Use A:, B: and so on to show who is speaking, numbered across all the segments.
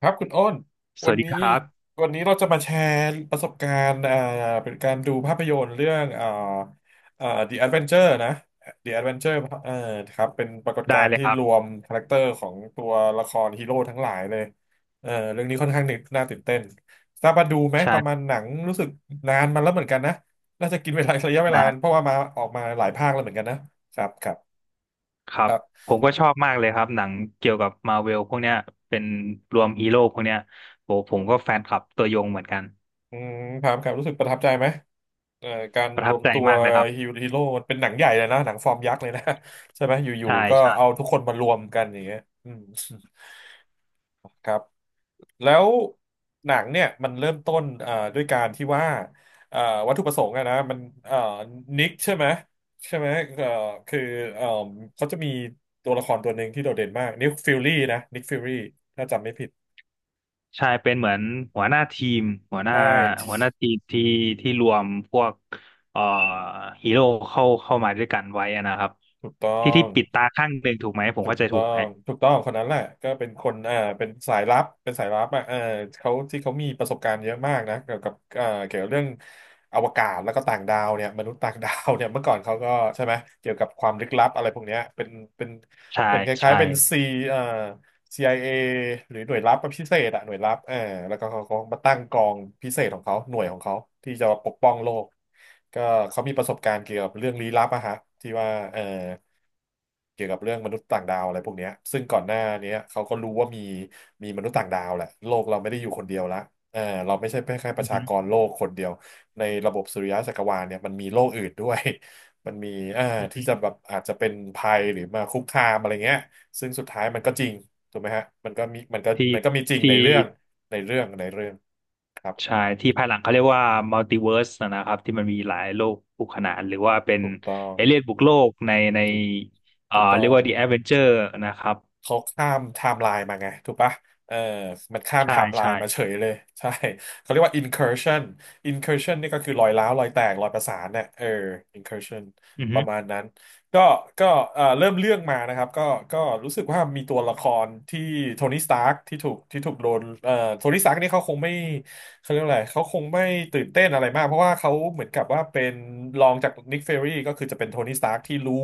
A: ครับคุณอ้น
B: ส
A: วั
B: วั
A: น
B: สดี
A: นี้
B: ครับ
A: วันนี้เราจะมาแชร์ประสบการณ์เป็นการดูภาพยนตร์เรื่องThe Adventure นะ The Adventure เอ่อครับเป็นปรากฏกา
B: ได้
A: รณ์
B: เลย
A: ที่
B: ครับ
A: รวมคาแรคเตอร์ของตัวละครฮีโร่ทั้งหลายเลยเออเรื่องนี้ค่อนข้างน่าตื่นเต้นทราบว่าดูไหมประมาณ
B: ใช่
A: หนังรู้สึกนานมาแล้วเหมือนกันนะน่าจะกินเวลา ระยะเวลา
B: นะ
A: เพราะว่ามาออกมาหลายภาคแล้วเหมือนกันนะครับครับ
B: ครั
A: ค
B: บ
A: รับ
B: ผมก็ชอบมากเลยครับหนังเกี่ยวกับมาเวลพวกเนี้ยเป็นรวมฮีโร่พวกเนี้ยโหผมก็แฟนคลับตัวยงเหมือนกัน
A: อืมครับครับรู้สึกประทับใจไหม เอ่อการ
B: ประ
A: ร
B: ทับ
A: วม
B: ใจ
A: ตัว
B: มากเลยครับ
A: ฮีโร่มันเป็นหนังใหญ่เลยนะหนังฟอร์มยักษ์เลยนะ ใช่ไหมอยู่
B: ใช่
A: ๆก็เอา
B: ใช่
A: ทุกคนมารวมกันอย่างเงี้ยอืม ครับแล้วหนังเนี่ยมันเริ่มต้นด้วยการที่ว่าเอ่อวัตถุประสงค์อะนะมันเอ่อนิกใช่ไหมใช่ไหมเอ่อคือเอ่อเขาจะมีตัวละครตัวหนึ่งที่โดดเด่นมากนิกฟิลลี่นะนิกฟิลลี่ถ้าจำไม่ผิด
B: ใช่เป็นเหมือนหัวหน้าทีมหัวหน้า
A: ใช่
B: หัวหน้าทีมที่รวมพวกเอ่อฮีโร่เข้ามาด้วยกันไว้อะนะครับ
A: ถูกต้อ
B: ที่
A: ง
B: ปิดตาข้างหนึ่งถูกไหมผม
A: ถู
B: เข้า
A: ก
B: ใจ
A: ต้
B: ถู
A: อ
B: กไหม
A: งถูกต้องคนนั้นแหละก็เป็นคนเป็นสายลับเป็นสายลับอ่ะเออเขาที่เขามีประสบการณ์เยอะมากนะเกี่ยวกับเกี่ยวกับเรื่องอวกาศแล้วก็ต่างดาวเนี่ยมนุษย์ต่างดาวเนี่ยเมื่อก่อนเขาก็ใช่ไหมเกี่ยวกับความลึกลับอะไรพวกเนี้ยเป็น
B: ใช่
A: เป็นคล้าย
B: ใช่
A: ๆเป็นซีเอ่อ CIA หรือหน่วยลับพิเศษอะหน่วยลับเออแล้วก็เขาก็มาตั้งกองพิเศษของเขาหน่วยของเขาที่จะปกป้องโลกก็เขามีประสบการณ์เกี่ยวกับเรื่องลี้ลับอะฮะที่ว่าเออ เกี่ยวกับเรื่องมนุษย์ต่างดาวอะไรพวกเนี้ยซึ่งก่อนหน้าเนี้ยเขาก็รู้ว่ามีมนุษย์ต่างดาวแหละโลกเราไม่ได้อยู่คนเดียวละเออเราไม่ใช่แค่ป
B: อื
A: ระ
B: อ
A: ชาก
B: ฮึ
A: รโลกคนเดียว ในระบบสุริยะจักรวาลเนี่ยมันมีโลกอื่นด้วย มันมีเอ่า
B: อือ
A: ที่จะ
B: ฮึ
A: แบบอาจจะเป็นภัยหรือมาคุกคามอะไรเงี้ยซึ่งสุดท้ายมันก็จริงถูกไหมฮะมันก็มีมันก็
B: ที่
A: มันก็มีจริง
B: ที่
A: ในเรื่องในเรื่องครับ
B: ใช่ที่ภายหลังเขาเรียกว่ามัลติเวิร์สนะครับที่มันมีหลายโลกคู่ขนานหรือว่าเป็น
A: ถูกต้อง
B: เอเลี่ยนบุกโลกใน
A: ถูกถูกต้
B: เรี
A: อ
B: ยก
A: ง
B: ว่า The Avenger นะครับ
A: เขาข้ามไทม์ไลน์มาไงถูกปะเออมันข้ามไท
B: ใช่
A: ม์ไล
B: ใช่
A: น์มาเฉยเลยใช่ เขาเรียกว่า incursion incursion นี่ก็คือรอยร้าวรอยแตกรอยประสานเนี่ยเออ incursion
B: อือ
A: ป
B: ฮึ
A: ระมาณนั้นก็ก็เริ่มเรื่องมานะครับก็รู้สึกว่ามีตัวละครที่โทนี่สตาร์กที่ถูกโดนโทนี่สตาร์กนี่เขาคงไม่เขาเรียกอะไรเขาคงไม่ตื่นเต้นอะไรมากเพราะว่าเขาเหมือนกับว่าเป็นรองจากนิกเฟอรี่ก็คือจะเป็นโทนี่สตาร์กที่รู้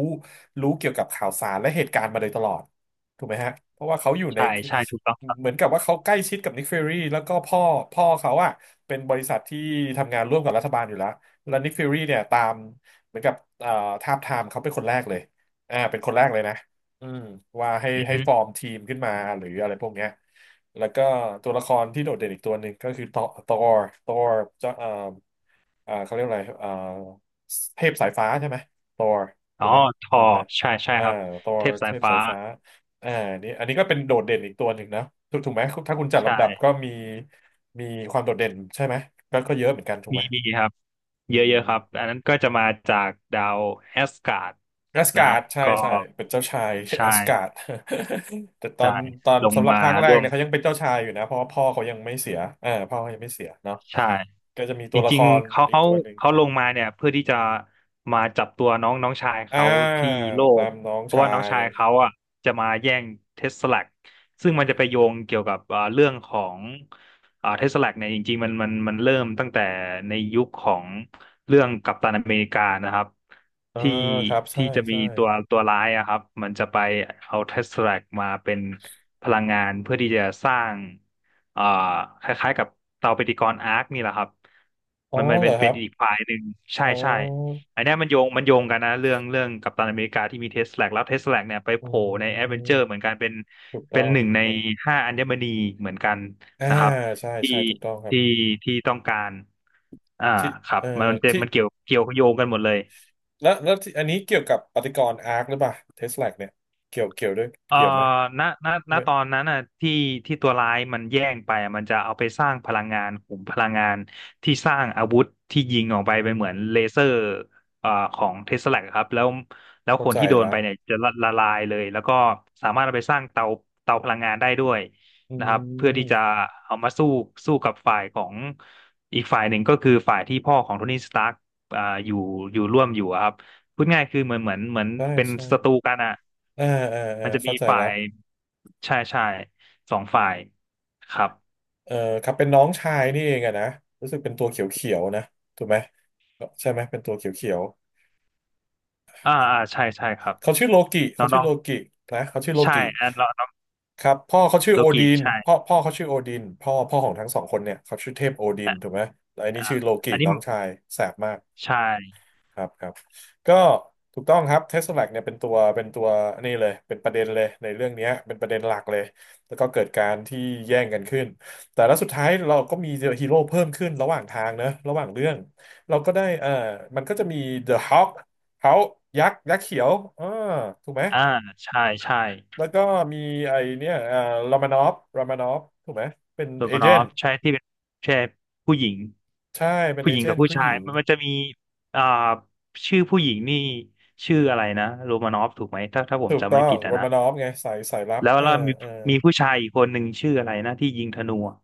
A: รู้เกี่ยวกับข่าวสารและเหตุการณ์มาโดยตลอด ถูกไหมฮะเพราะว่าเขาอยู่ใน
B: ใช่ใช่ถูกต้องครับ
A: เหมือนกับว่าเขาใกล้ชิดกับนิกฟิวรีแล้วก็พ่อเขาอะเป็นบริษัทที่ทำงานร่วมกับรัฐบาลอยู่แล้วแล้วนิกฟิวรีเนี่ยตามเหมือนกับเอ่อทาบทามเขาเป็นคนแรกเลยเป็นคนแรกเลยนะอืมว่าให้
B: อือ
A: ให้
B: ฮึ
A: ฟอร์มทีมขึ้นมาหรืออะไรพวกเนี้ยแล้วก็ตัวละครที่โดดเด่นอีกตัวหนึ่งก็คือ Thor Thor Thor เจ้าเขาเรียกอะไรเทพสายฟ้าใช่ไหมตอร์
B: อ๋
A: ถู
B: อ
A: กไหม
B: ท
A: ภา
B: อ
A: ษาไทย
B: ใช่ใช่
A: อ่า
B: ครับ
A: ตอ
B: เท
A: ร์
B: พสา
A: เท
B: ย
A: พ
B: ฟ้า
A: สายฟ้าอ่านี่อันนี้ก็เป็นโดดเด่นอีกตัวหนึ่งนะถูกไหมถ้าคุณจัด
B: ใช่
A: ลำดับก็มีมีความโดดเด่นใช่ไหมก็เยอะเหมือนกันถูก
B: มี
A: ไหม
B: มีครับ
A: อื
B: เยอะ
A: ม
B: เยอะครับอันนั้นก็จะมาจากดาวแอสการ์ด
A: แอส
B: นะ
A: กา
B: ครั
A: ร์
B: บ
A: ดใช่
B: ก็
A: ใช่เป็นเจ้าชายแอ
B: ใช่
A: สการ์ด แต่ตอ
B: ใช่
A: นตอน
B: ลง
A: สำหรับ
B: มา
A: ภาคแรก
B: ร่วม
A: เนี่ยเขายังเป็นเจ้าชายอยู่นะเพราะว่าพ่อเขายังไม่เสียพ่อเขายังไม่เสียเนาะ
B: ใช่
A: ก็จะมี
B: จ
A: ตัวละค
B: ริง
A: ร
B: ๆเขา
A: อีก
B: เขา
A: ตัวหนึ่ง
B: เขาลงมาเนี่ยเพื่อที่จะมาจับตัวน้องน้องชาย
A: อ่า
B: เขาที่โล
A: ตา
B: ก
A: มน้อง
B: เพราะ
A: ชา
B: ว่าน้อง
A: ย
B: ชายเขาอ่ะจะมาแย่งเทสลาซึ่งมันจะไปโยงเกี่ยวกับเรื่องของเทสลาเนี่ยจริงๆมันเริ่มตั้งแต่ในยุคของเรื่องกัปตันอเมริกานะครับ
A: อ่า
B: ที่
A: ครับใช่
B: ที่จะมี
A: ใช่
B: ตัวร้ายอะครับมันจะไปเอาเทสลามาเป็นพลังงานเพื่อที่จะสร้าง อ่าคล้ายๆกับเตาปฏิกรณ์อาร์คนี่แหละครับ
A: อ๋อ
B: มัน
A: เหร
B: เป็น
A: อค
B: เป็
A: รั
B: น
A: บ
B: อีกฝ่ายหนึ่งใช่
A: อ๋อ
B: ใช่อันเนี้ยมันโยงมันโยงกันนะเรื่องกัปตันอเมริกาที่มีเทสแลกแล้วเทสแลกเนี่ยไป
A: อื
B: โผล่ในแอดเวนเจ
A: ม
B: อร์เหมือนกันเป็น
A: ถูกต้
B: เป็
A: อ
B: น
A: ง
B: หนึ่ง
A: ถู
B: ใน
A: กต้อง
B: ห้าอัญมณีเหมือนกัน
A: อ่า
B: นะครับ
A: ใช่
B: ที่
A: ใช่ถูกต้องครับ
B: ที่ที่ต้องการอ่า
A: ที่
B: ครับ
A: เอ่
B: มัน
A: อ
B: มันจะ
A: ที่
B: มันเกี่ยวเกี่ยวโยงกันหมดเลย
A: แล้วแล้วที่อันนี้เกี่ยวกับปฏิกรณ์อาร์คหรือเปล่าเทสลาเนี่ยเกี่ยวด้วย
B: เอ่อ
A: เกี่ยวไหม
B: ณณณ
A: ไม่
B: ตอนนั้นน่ะที่ที่ตัวร้ายมันแย่งไปอะมันจะเอาไปสร้างพลังงานขุมพลังงานที่สร้างอาวุธที่ยิงออกไป
A: อื
B: เป็นเหมือน
A: ม
B: เลเซอร์เอ่อของเทสลาครับแล้ว
A: เข้า
B: คน
A: ใจ
B: ที่โดน
A: ละ
B: ไปเนี่ยจะละลายเลยแล้วก็สามารถเอาไปสร้างเตาพลังงานได้ด้วย
A: อื
B: นะครับเพื่อที่จะ
A: ม
B: เอามาสู้กับฝ่ายของอีกฝ่ายหนึ่งก็คือฝ่ายที่พ่อของโทนี่สตาร์กอยู่อยู่ร่วมอยู่อะครับพูดง่ายคือเหมือน
A: ใช่
B: เป็น
A: ใช่
B: ศัตรูกันอะ
A: อ่าอ่า
B: มันจะมี
A: เข้าใจ
B: ฝ่า
A: ละ
B: ยใช่ใช่สองฝ่ายครับ
A: เออครับเป็นน้องชายนี่เองอะนะรู้สึกเป็นตัวเขียวเขียวนะถูกไหมใช่ไหมเป็นตัวเขียวเขียว
B: อ่าอ่าใช่ใช่ครับ
A: เขาชื่อโลกิ
B: น้
A: เขา
B: องน
A: ชื่อ
B: อง
A: โลกินะเขาชื่อโล
B: ใช่
A: กิ
B: อันององ
A: ครับพ่อเขาชื่อ
B: โล
A: โอ
B: กิ
A: ดิน
B: ใช่
A: พ่อพ่อเขาชื่อโอดินพ่อของทั้งสองคนเนี่ยเขาชื่อเทพโอดิน
B: อ่า
A: ถูกไหมแล้วอันนี้
B: อ่า
A: ชื่อโลกิ
B: อันนี้
A: น้องชายแสบมาก
B: ใช่
A: ครับครับก็ถูกต้องครับเทสลาเนี่ยเป็นตัวนี่เลยเป็นประเด็นเลยในเรื่องเนี้ยเป็นประเด็นหลักเลยแล้วก็เกิดการที่แย่งกันขึ้นแต่แล้วสุดท้ายเราก็มีฮีโร่เพิ่มขึ้นระหว่างทางนะระหว่างเรื่องเราก็ได้เออมันก็จะมี The Hulk เขายักษ์ยักษ์เขียวอ่าถูกไหม
B: อ่าใช่ใช่
A: แล้วก็มีไอเนี่ยรามานอฟถูกไหมเป็น
B: โร
A: เอ
B: มาน
A: เจ
B: อ
A: น
B: ฟ
A: ต์
B: ใช่ที่เป็นใช่ผู้หญิง
A: ใช่เป็น
B: ผู้
A: เอ
B: หญิง
A: เจ
B: กั
A: น
B: บ
A: ต์
B: ผู้
A: ผู้ห
B: ชา
A: ญิ
B: ย
A: ง
B: มันจะมีอ่าชื่อผู้หญิงนี่ชื่ออะไรนะโรมานอฟถูกไหมถ้าผม
A: ถูก
B: จำ
A: ต้อ
B: ไม่
A: ง
B: ผิด
A: โร
B: อะนะ
A: มานอฟไงสายสายลับ
B: แล้ว
A: เออ
B: แล้วมี
A: เออ
B: มีผู้ชายอีกคนหนึ่งชื่ออะไรนะที่ยิงธนูอะ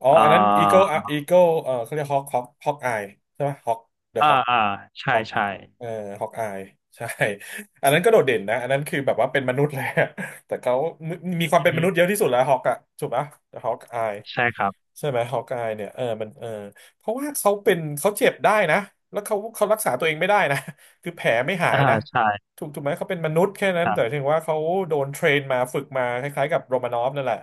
A: อ๋อ
B: อ่า
A: อันนั้นอีโก้อีโก้เออเขาเรียกฮอกอายใช่ไหมฮอกเดอะ
B: อ่า
A: ฮอก
B: อ่าใช่ใช่
A: เออฮอกอายใช่ อันนั้นก็โดดเด่นนะอันนั้นคือแบบว่าเป็นมนุษย์เลย อะแต่เขามีมีความเป็นม
B: อื
A: นุษย์เย
B: ม
A: อะที่สุดแล้วฮอกอะถูกปะฮอกอาย
B: ใช่ครับ
A: ใช่ไหมฮอกอายเนี่ยเออมันเออเพราะว่าเขาเจ็บได้นะแล้วเขารักษาตัวเองไม่ได้นะ คือแผลไม่หา
B: อ่า
A: ยนะ
B: ใช่
A: ถูกไหมเขาเป็นมนุษย์แค่นั้
B: ค
A: น
B: รั
A: แต่
B: บ
A: ถึงว่าเขาโดนเทรนมาฝึกมาคล้ายๆกับโรมานอฟนั่นแหละ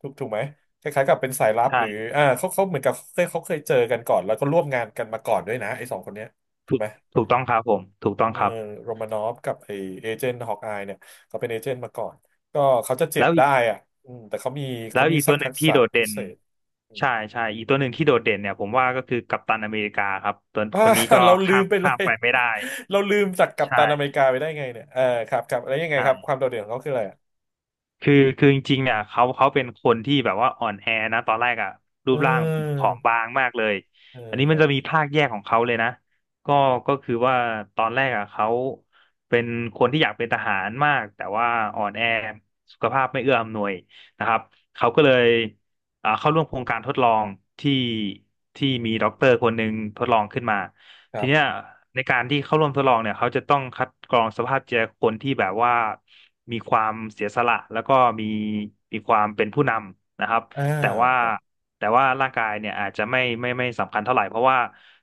A: ถูกไหมคล้ายๆกับเป็นสายลับหรือ
B: ใช่
A: อ่าเขาเหมือนกับเขาเคยเจอกันก่อนแล้วก็ร่วมงานกันมาก่อนด้วยนะไอ้สองคนเนี้ยถู
B: ถู
A: ก
B: ก
A: ไหม
B: ถูกต้องครับผม ถูกต้อง
A: เออ
B: ครับ
A: โรมานอฟกับไอเอเจนต์ฮอกอายเนี่ยเขาเป็นเอเจนต์มาก่อนก็เขาจะเจ็บ
B: แล้วอี
A: ได้
B: ก
A: อ่ะอืมแต่เขามี
B: แล้
A: เขา
B: ว
A: มี
B: อีก
A: สั
B: ตั
A: ก
B: วห
A: ทั
B: นึ่ง
A: ก
B: ที่
A: ษะ
B: โดด
A: พิ
B: เด่น
A: เศษอืม
B: ใช่ใช่ อีกตัวหนึ่งที่โดดเด่นเนี่ย ผมว่าก็คือกัปตันอเมริกาครับ ตัว
A: อ่า
B: คนนี้ก็
A: เราลื
B: ข้า
A: ม
B: ม
A: ไปเล
B: ข้าม
A: ย
B: ไปไม่ได้
A: เราลืมจากกัปตันอ
B: ใช่
A: เมริกาไปได้ไงเนี่ยเออครับครับแล้วยังไงครับค
B: ใช่
A: วามโดดเด่นของเขาคืออะไรอะ
B: คือจริงๆเนี่ยเขาเป็นคนที่แบบว่าอ่อนแอนะตอนแรกอะรู
A: เอ
B: ปร่างผ
A: อ
B: อมบางมากเลย
A: เออ
B: อันนี้
A: ค
B: มั
A: รั
B: น
A: บ
B: จะมีภาคแยกของเขาเลยนะก็ก็คือว่าตอนแรกอะเขาเป็นคนที่อยากเป็นทหารมากแต่ว่าอ่อนแอสุขภาพไม่เอื้ออำนวยนะครับเขาก็เลยเข้าร่วมโครงการทดลองที่ที่มีด็อกเตอร์คนหนึ่งทดลองขึ้นมา
A: ค
B: ที
A: รั
B: เนี้ย
A: บ
B: ในการที่เข้าร่วมทดลองเนี่ยเขาจะต้องคัดกรองสภาพจิตใจคนที่แบบว่ามีความเสียสละแล้วก็มีมีความเป็นผู้นำนะครับ
A: อ่า
B: แต่ว่า
A: ครับ
B: แต่ว่าร่างกายเนี่ยอาจจะไม่สำคัญเท่าไหร่เพราะว่า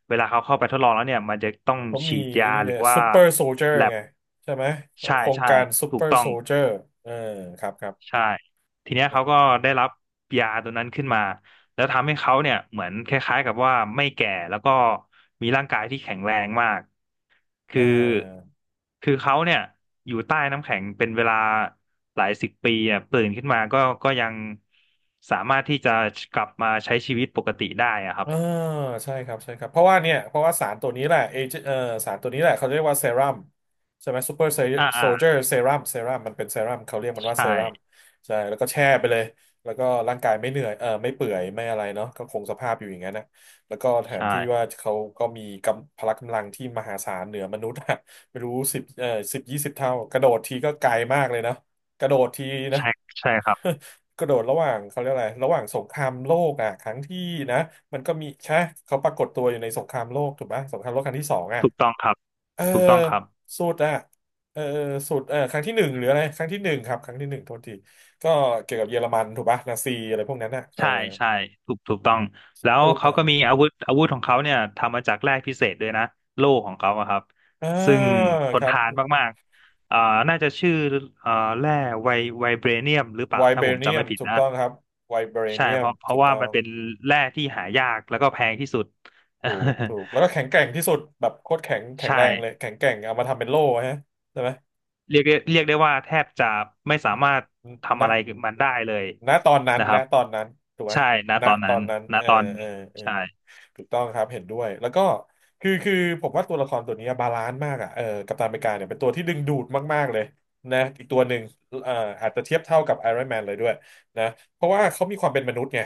B: เวลาเขาเข้าไปทดลองแล้วเนี่ยมันจะต้อง
A: เขามี
B: ฉีด
A: ไอั
B: ยา
A: นนี้
B: หรื
A: เนี่
B: อ
A: ย
B: ว่า
A: ซูเปอร์โซลเจอร์ไงใช่ไหม
B: ใช่
A: โครง
B: ใช่
A: การซู
B: ถู
A: เปอ
B: ก
A: ร์
B: ต้อ
A: โซ
B: ง
A: ลเจอร์เออครับครับ
B: ใช่ทีเนี้ยเขาก็ได้รับยาตัวนั้นขึ้นมาแล้วทำให้เขาเนี่ยเหมือนคล้ายๆกับว่าไม่แก่แล้วก็มีร่างกายที่แข็งแรงมาก
A: เ
B: คือ
A: ออ
B: คือเขาเนี่ยอยู่ใต้น้ำแข็งเป็นเวลาหลายสิบปีอ่ะตื่นขึ้นมาก็ยังสามารถที่จะกลับมาใช้ชีวิตปกติได้อะครับ
A: อ่าใช่ครับใช่ครับเพราะว่าเนี่ยเพราะว่าสารตัวนี้แหละเอเจเอ่อสารตัวนี้แหละเขาเรียกว่าเซรั่มใช่ไหมซูเปอร์
B: อ่า
A: โซลเจอ
B: อ่า
A: ร์เซรั่มมันเป็นเซรั่มเขาเรียกมันว่า
B: ใช่
A: เซรั่มใช่แล้วก็แช่ไปเลยแล้วก็ร่างกายไม่เหนื่อยไม่เปื่อยไม่อะไรเนาะก็คงสภาพอยู่อย่างนั้นนะแล้วก็แถม
B: ใช่
A: ที่ว่าเขาก็มีกำพละกำลังที่มหาศาลเหนือมนุษย์อะไม่รู้สิบยี่สิบเท่ากระโดดทีก็ไกลมากเลยนะกระโดดทีนะ
B: ใช่ใช่ครับ
A: กระโดดระหว่างเขาเรียกอะไรระหว่างสงครามโลกอ่ะครั้งที่นะมันก็มีใช่เขาปรากฏตัวอยู่ในสงครามโลกถูกปะสงครามโลกครั้งที่สองอ่ะ
B: ถูกต้องครับ
A: เออ
B: ถูกต้องครับ
A: สุดอ่ะเออสุดเออครั้งที่หนึ่งหรืออะไรครั้งที่หนึ่งครับครั้งที่หนึ่งโทษทีก็เกี่ยวกับเยอรมันถูกปะ นาซีอะไรพวกนั้นอ่ะเออ
B: ใช่ใช่ถูกถูกต้อง
A: ส
B: แล้ว
A: ุด
B: เขา
A: อ่ะ
B: ก็มีอาวุธของเขาเนี่ยทำมาจากแร่พิเศษด้วยนะโล่ของเขาอะครับ
A: อ่า
B: ซึ่งท
A: ค
B: น
A: รับ
B: ทานมากๆอ่าน่าจะชื่ออ่าแร่ไวไวเบรเนียมหรือเป
A: ไว
B: ล่าถ้า
A: เบ
B: ผม
A: เนี
B: จำ
A: ย
B: ไม่
A: ม
B: ผิด
A: ถูก
B: นะ
A: ต้องครับไวเบ
B: ใช่
A: เนีย
B: เพ
A: ม
B: ราะเพ
A: ถู
B: ราะ
A: ก
B: ว่า
A: ต้อ
B: มั
A: ง
B: นเป็นแร่ที่หายากแล้วก็แพงที่สุด
A: ถูกถูก แล้วก็ แข็งแกร่งที่สุดแบบโคตรแข็งแข็
B: ใช
A: งแรงเลย
B: ่
A: แข็งแกร่งเอามาทำเป็นโล่ฮะใช่ไหม
B: เรียกได้ว่าแทบจะไม่สามารถทำอะ
A: นะ
B: ไรกัมันได้เลย
A: ณตอนนั้น
B: นะค
A: ณ
B: รับ
A: ตอนนั้นถูกไหม
B: ใช่ณ
A: ณ
B: ตอน
A: ต
B: นั้
A: อ
B: น
A: นนั้น
B: ณ
A: เออ
B: ตอน
A: เออเออ
B: ใช่
A: ถูกต้องครับ เห็นด้วย แล้วก็คือผมว่าตัวละครตัวนี้บาลานซ์มากอ่ะเออกัปตันอเมริกาเนี่ยเป็นตัวที่ดึงดูดมากๆเลยนะอีกตัวหนึ่งเอ่ออาจจะเทียบเท่ากับไอรอนแมนเลยด้วยนะเพราะว่าเขามีความเป็นมนุษย์ไง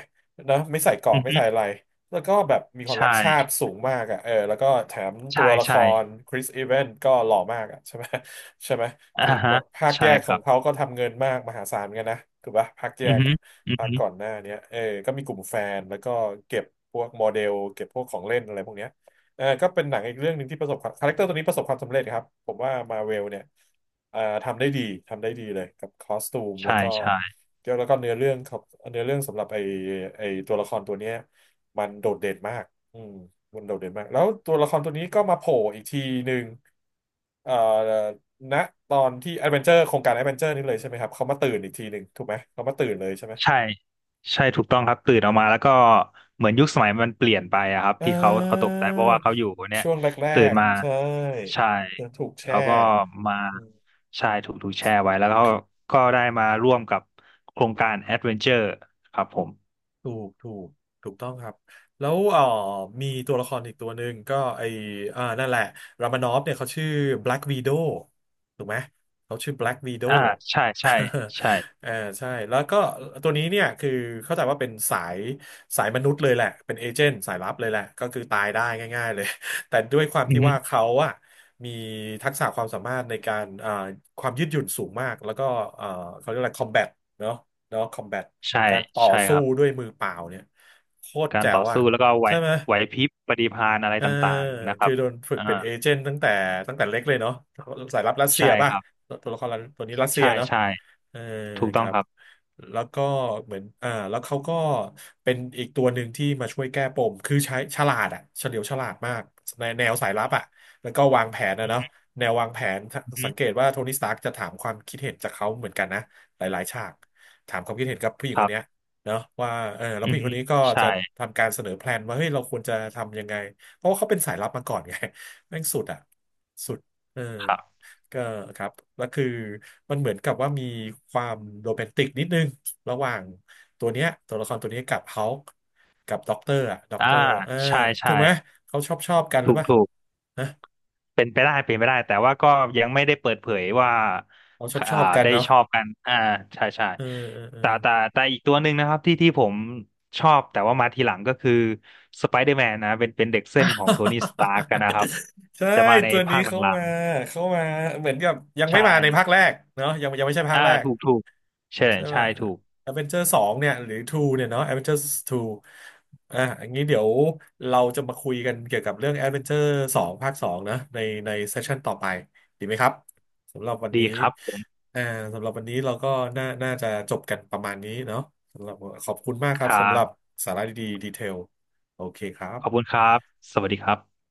A: นะไม่ใส่เกราะ
B: อือ
A: ไม่
B: ฮึ
A: ใส่อะไร แล้วก็แบบมีความ
B: ใช่
A: รักชาติสูงมากอ่ะเออแล้วก็แถมตั
B: ใช่
A: วละค
B: ใช่
A: รคริสอีเวนก็หล่อมากอ่ะใช่ไหมใช่ไหม
B: อ่า
A: คือ
B: ฮะ
A: ภาค
B: ใช่
A: แยก
B: ค
A: ขอ
B: รั
A: ง
B: บ
A: เขาก็ทำเงินมากมหาศาลเหมือนกันนะถูกปะภาคแย
B: อือ
A: ก
B: ฮึ
A: อะ
B: อือ
A: ภาค
B: ฮึ
A: ก่อนหน้าเนี้ยเออก็มีกลุ่มแฟนแล้วก็เก็บพวกโมเดลเก็บพวกของเล่นอะไรพวกเนี้ยเออก็เป็นหนังอีกเรื่องหนึ่งที่ประสบความคาแรคเตอร์ตัวนี้ประสบความสำเร็จครับผมว่ามาเวลเนี่ยเอ่อทำได้ดีทำได้ดีเลยกับคอสตูมแล้
B: ใช่
A: วก็
B: ใช่
A: แล้วก็เนื้อเรื่องครับเนื้อเรื่องสำหรับไอไอตัวละครตัวเนี้ยมันโดดเด่นมากอืมมันโดดเด่นมากแล้วตัวละครตัวนี้ก็มาโผล่อีกทีหนึ่งเอ่อ ณตอนที่แอดเวนเจอร์โครงการแอดเวนเจอร์นี่เลยใช่ไหมครับเขามาตื่นอีกทีหนึ่งถูกไหมเขามาตื่นเลยใช่ไหม
B: ใช่ใช่ถูกต้องครับตื่นออกมาแล้วก็เหมือนยุคสมัยมันเปลี่ยนไปอะครับ
A: เ
B: ที่เขาเขาต
A: อ
B: ก
A: อ
B: ใจเพราะว่าเขาอยู่เนี่ย
A: ช่วงแร
B: ตื่น
A: ก
B: มา
A: ๆใช่
B: ใช่
A: ถูกแช่
B: เขาก็มา
A: อืม
B: ใช่ถูกถูกแชร์ไว้แล้วเขาก็ได้มาร่วมกับโครงการแอดเวนเจอร์ครับผม
A: ถูกถูกถูกต้องครับแล้วมีตัวละครอีกตัวหนึ่งก็ไออ่านั่นแหละรามานอฟเนี่ยเขาชื่อ Black Widow ถูกไหมเขาชื่อ Black Widow
B: อ่าใช่ใช่ ใช่
A: เออใช่แล้วก็ตัวนี้เนี่ยคือเข้าใจว่าเป็นสายมนุษย์เลยแหละเป็นเอเจนต์สายลับเลยแหละก็คือตายได้ง่ายๆเลย แต่ด้วยความ
B: อือ
A: ที่
B: ฮึ
A: ว่าเขาอะมีทักษะความสามารถในการความยืดหยุ่นสูงมากแล้วก็เอ่อเขาเรียกอะไรคอมแบทเนาะ เนาะคอมแบท
B: ใช่
A: การต่อ
B: ใช่ค
A: สู้
B: รั
A: ด้
B: บ
A: วยมือเปล่าเนี่ยโคตร
B: การ
A: แจ๋
B: ต่
A: ว
B: อ
A: อะ
B: สู้แล้วก็ไหว
A: ใช่ไหม
B: ไหวพริบปฏิภาณอะไร
A: เออ
B: ต่างๆนะครั
A: คือ
B: บ
A: โดนฝึก
B: อ่า
A: เป็นเอเจนต์ตั้งแต่ตั้งแต่เล็กเลยเนาะสายลับรัสเซี
B: ใช่
A: ยป่ะ
B: ครับ
A: ตัวละครตัวนี้รัสเซีย
B: ใช่
A: เนาะ
B: ใช่
A: เออ
B: ถูก
A: ค
B: ต้อง
A: รั
B: ค
A: บ
B: รับ
A: แล้วก็เหมือนแล้วเขาก็เป็นอีกตัวหนึ่งที่มาช่วยแก้ปมคือใช้ฉลาดอะเฉลียวฉลาดมากในแนวสายลับอะแล้วก็วางแผนนะเนาะแนววางแผนถ้า
B: อือฮึ
A: สังเกตว่าโทนี่สตาร์กจะถามความคิดเห็นจากเขาเหมือนกันนะหลายๆฉากถามความคิดเห็นกับผู้หญิง
B: ค
A: ค
B: รั
A: นเนี้ย
B: บ
A: เนาะว่าเออแล้ว
B: อื
A: ผู้ห
B: อ
A: ญิงค
B: ฮึ
A: นนี้ก็จะ
B: ใช่
A: ทำการเสนอแพลนว่าเฮ้ยเราควรจะทำยังไง เพราะว่าเขาเป็นสายลับมาก่อนไง แม่งสุดอ่ะสุดเออ
B: ครับ
A: ก็ครับแล้วคือมันเหมือนกับว่ามีความโรแมนติกนิดนึงระหว่างตัวเนี้ยตัวละครตัวเนี้ยกับเฮากับด็อกเตอร์อ่ะด็อก
B: อ่า
A: เตอร์เออ
B: ใช่
A: ถู
B: ใช่
A: กไหมเขาชอบชอบกันหรื
B: ถู
A: อ
B: ก
A: เปล่า
B: ถูก
A: นะ
B: เป็นไปได้เป็นไปได้ แต่ว่าก็ยังไม่ได้เปิดเผยว่า
A: เขาชอบช
B: อ่า
A: อบกัน
B: ได้
A: เนาะ
B: ชอบกันอ่าใช่ใช่
A: เออเออเออ
B: แต่แต่แต่อีกตัวหนึ่งนะครับที่ผมชอบแต่ว่ามาทีหลังก็คือสไปเดอร์แมนนะเป็นเด็กเส้นของโทนี่สตาร์กกันนะครับ
A: ใช่
B: จะมาใน
A: ตัวนี้
B: ภาคห
A: เข้า
B: ลั
A: มา
B: ง
A: เข้ามาเหมือนกับยัง
B: ๆ
A: ไม่
B: ใช่
A: มาในภาคแรกเนาะยังไม่ใช่ภาค
B: อ่า
A: แรก
B: ถูกถูกใช่
A: ใช่ไหม
B: ใช่ถูก
A: แอดเวนเจอร์สองเนี่ยหรือทูเนี่ยเนาะแอดเวนเจอร์ทูอ่ะอันนี้เดี๋ยวเราจะมาคุยกันเกี่ยวกับเรื่องแอดเวนเจอร์สองภาคสองนะในเซสชันต่อไปดีไหมครับสำหรับวัน
B: ดี
A: นี้
B: ครับผม
A: อ่าสำหรับวันนี้เราก็น่าจะจบกันประมาณนี้เนาะสำหรับขอบคุณมากครั
B: ค
A: บ
B: รั
A: สำหรับ
B: บ
A: สาระดีๆดีเทลโอเคครั
B: ขอบคุ
A: บ
B: ณครับ สวัสดีครับ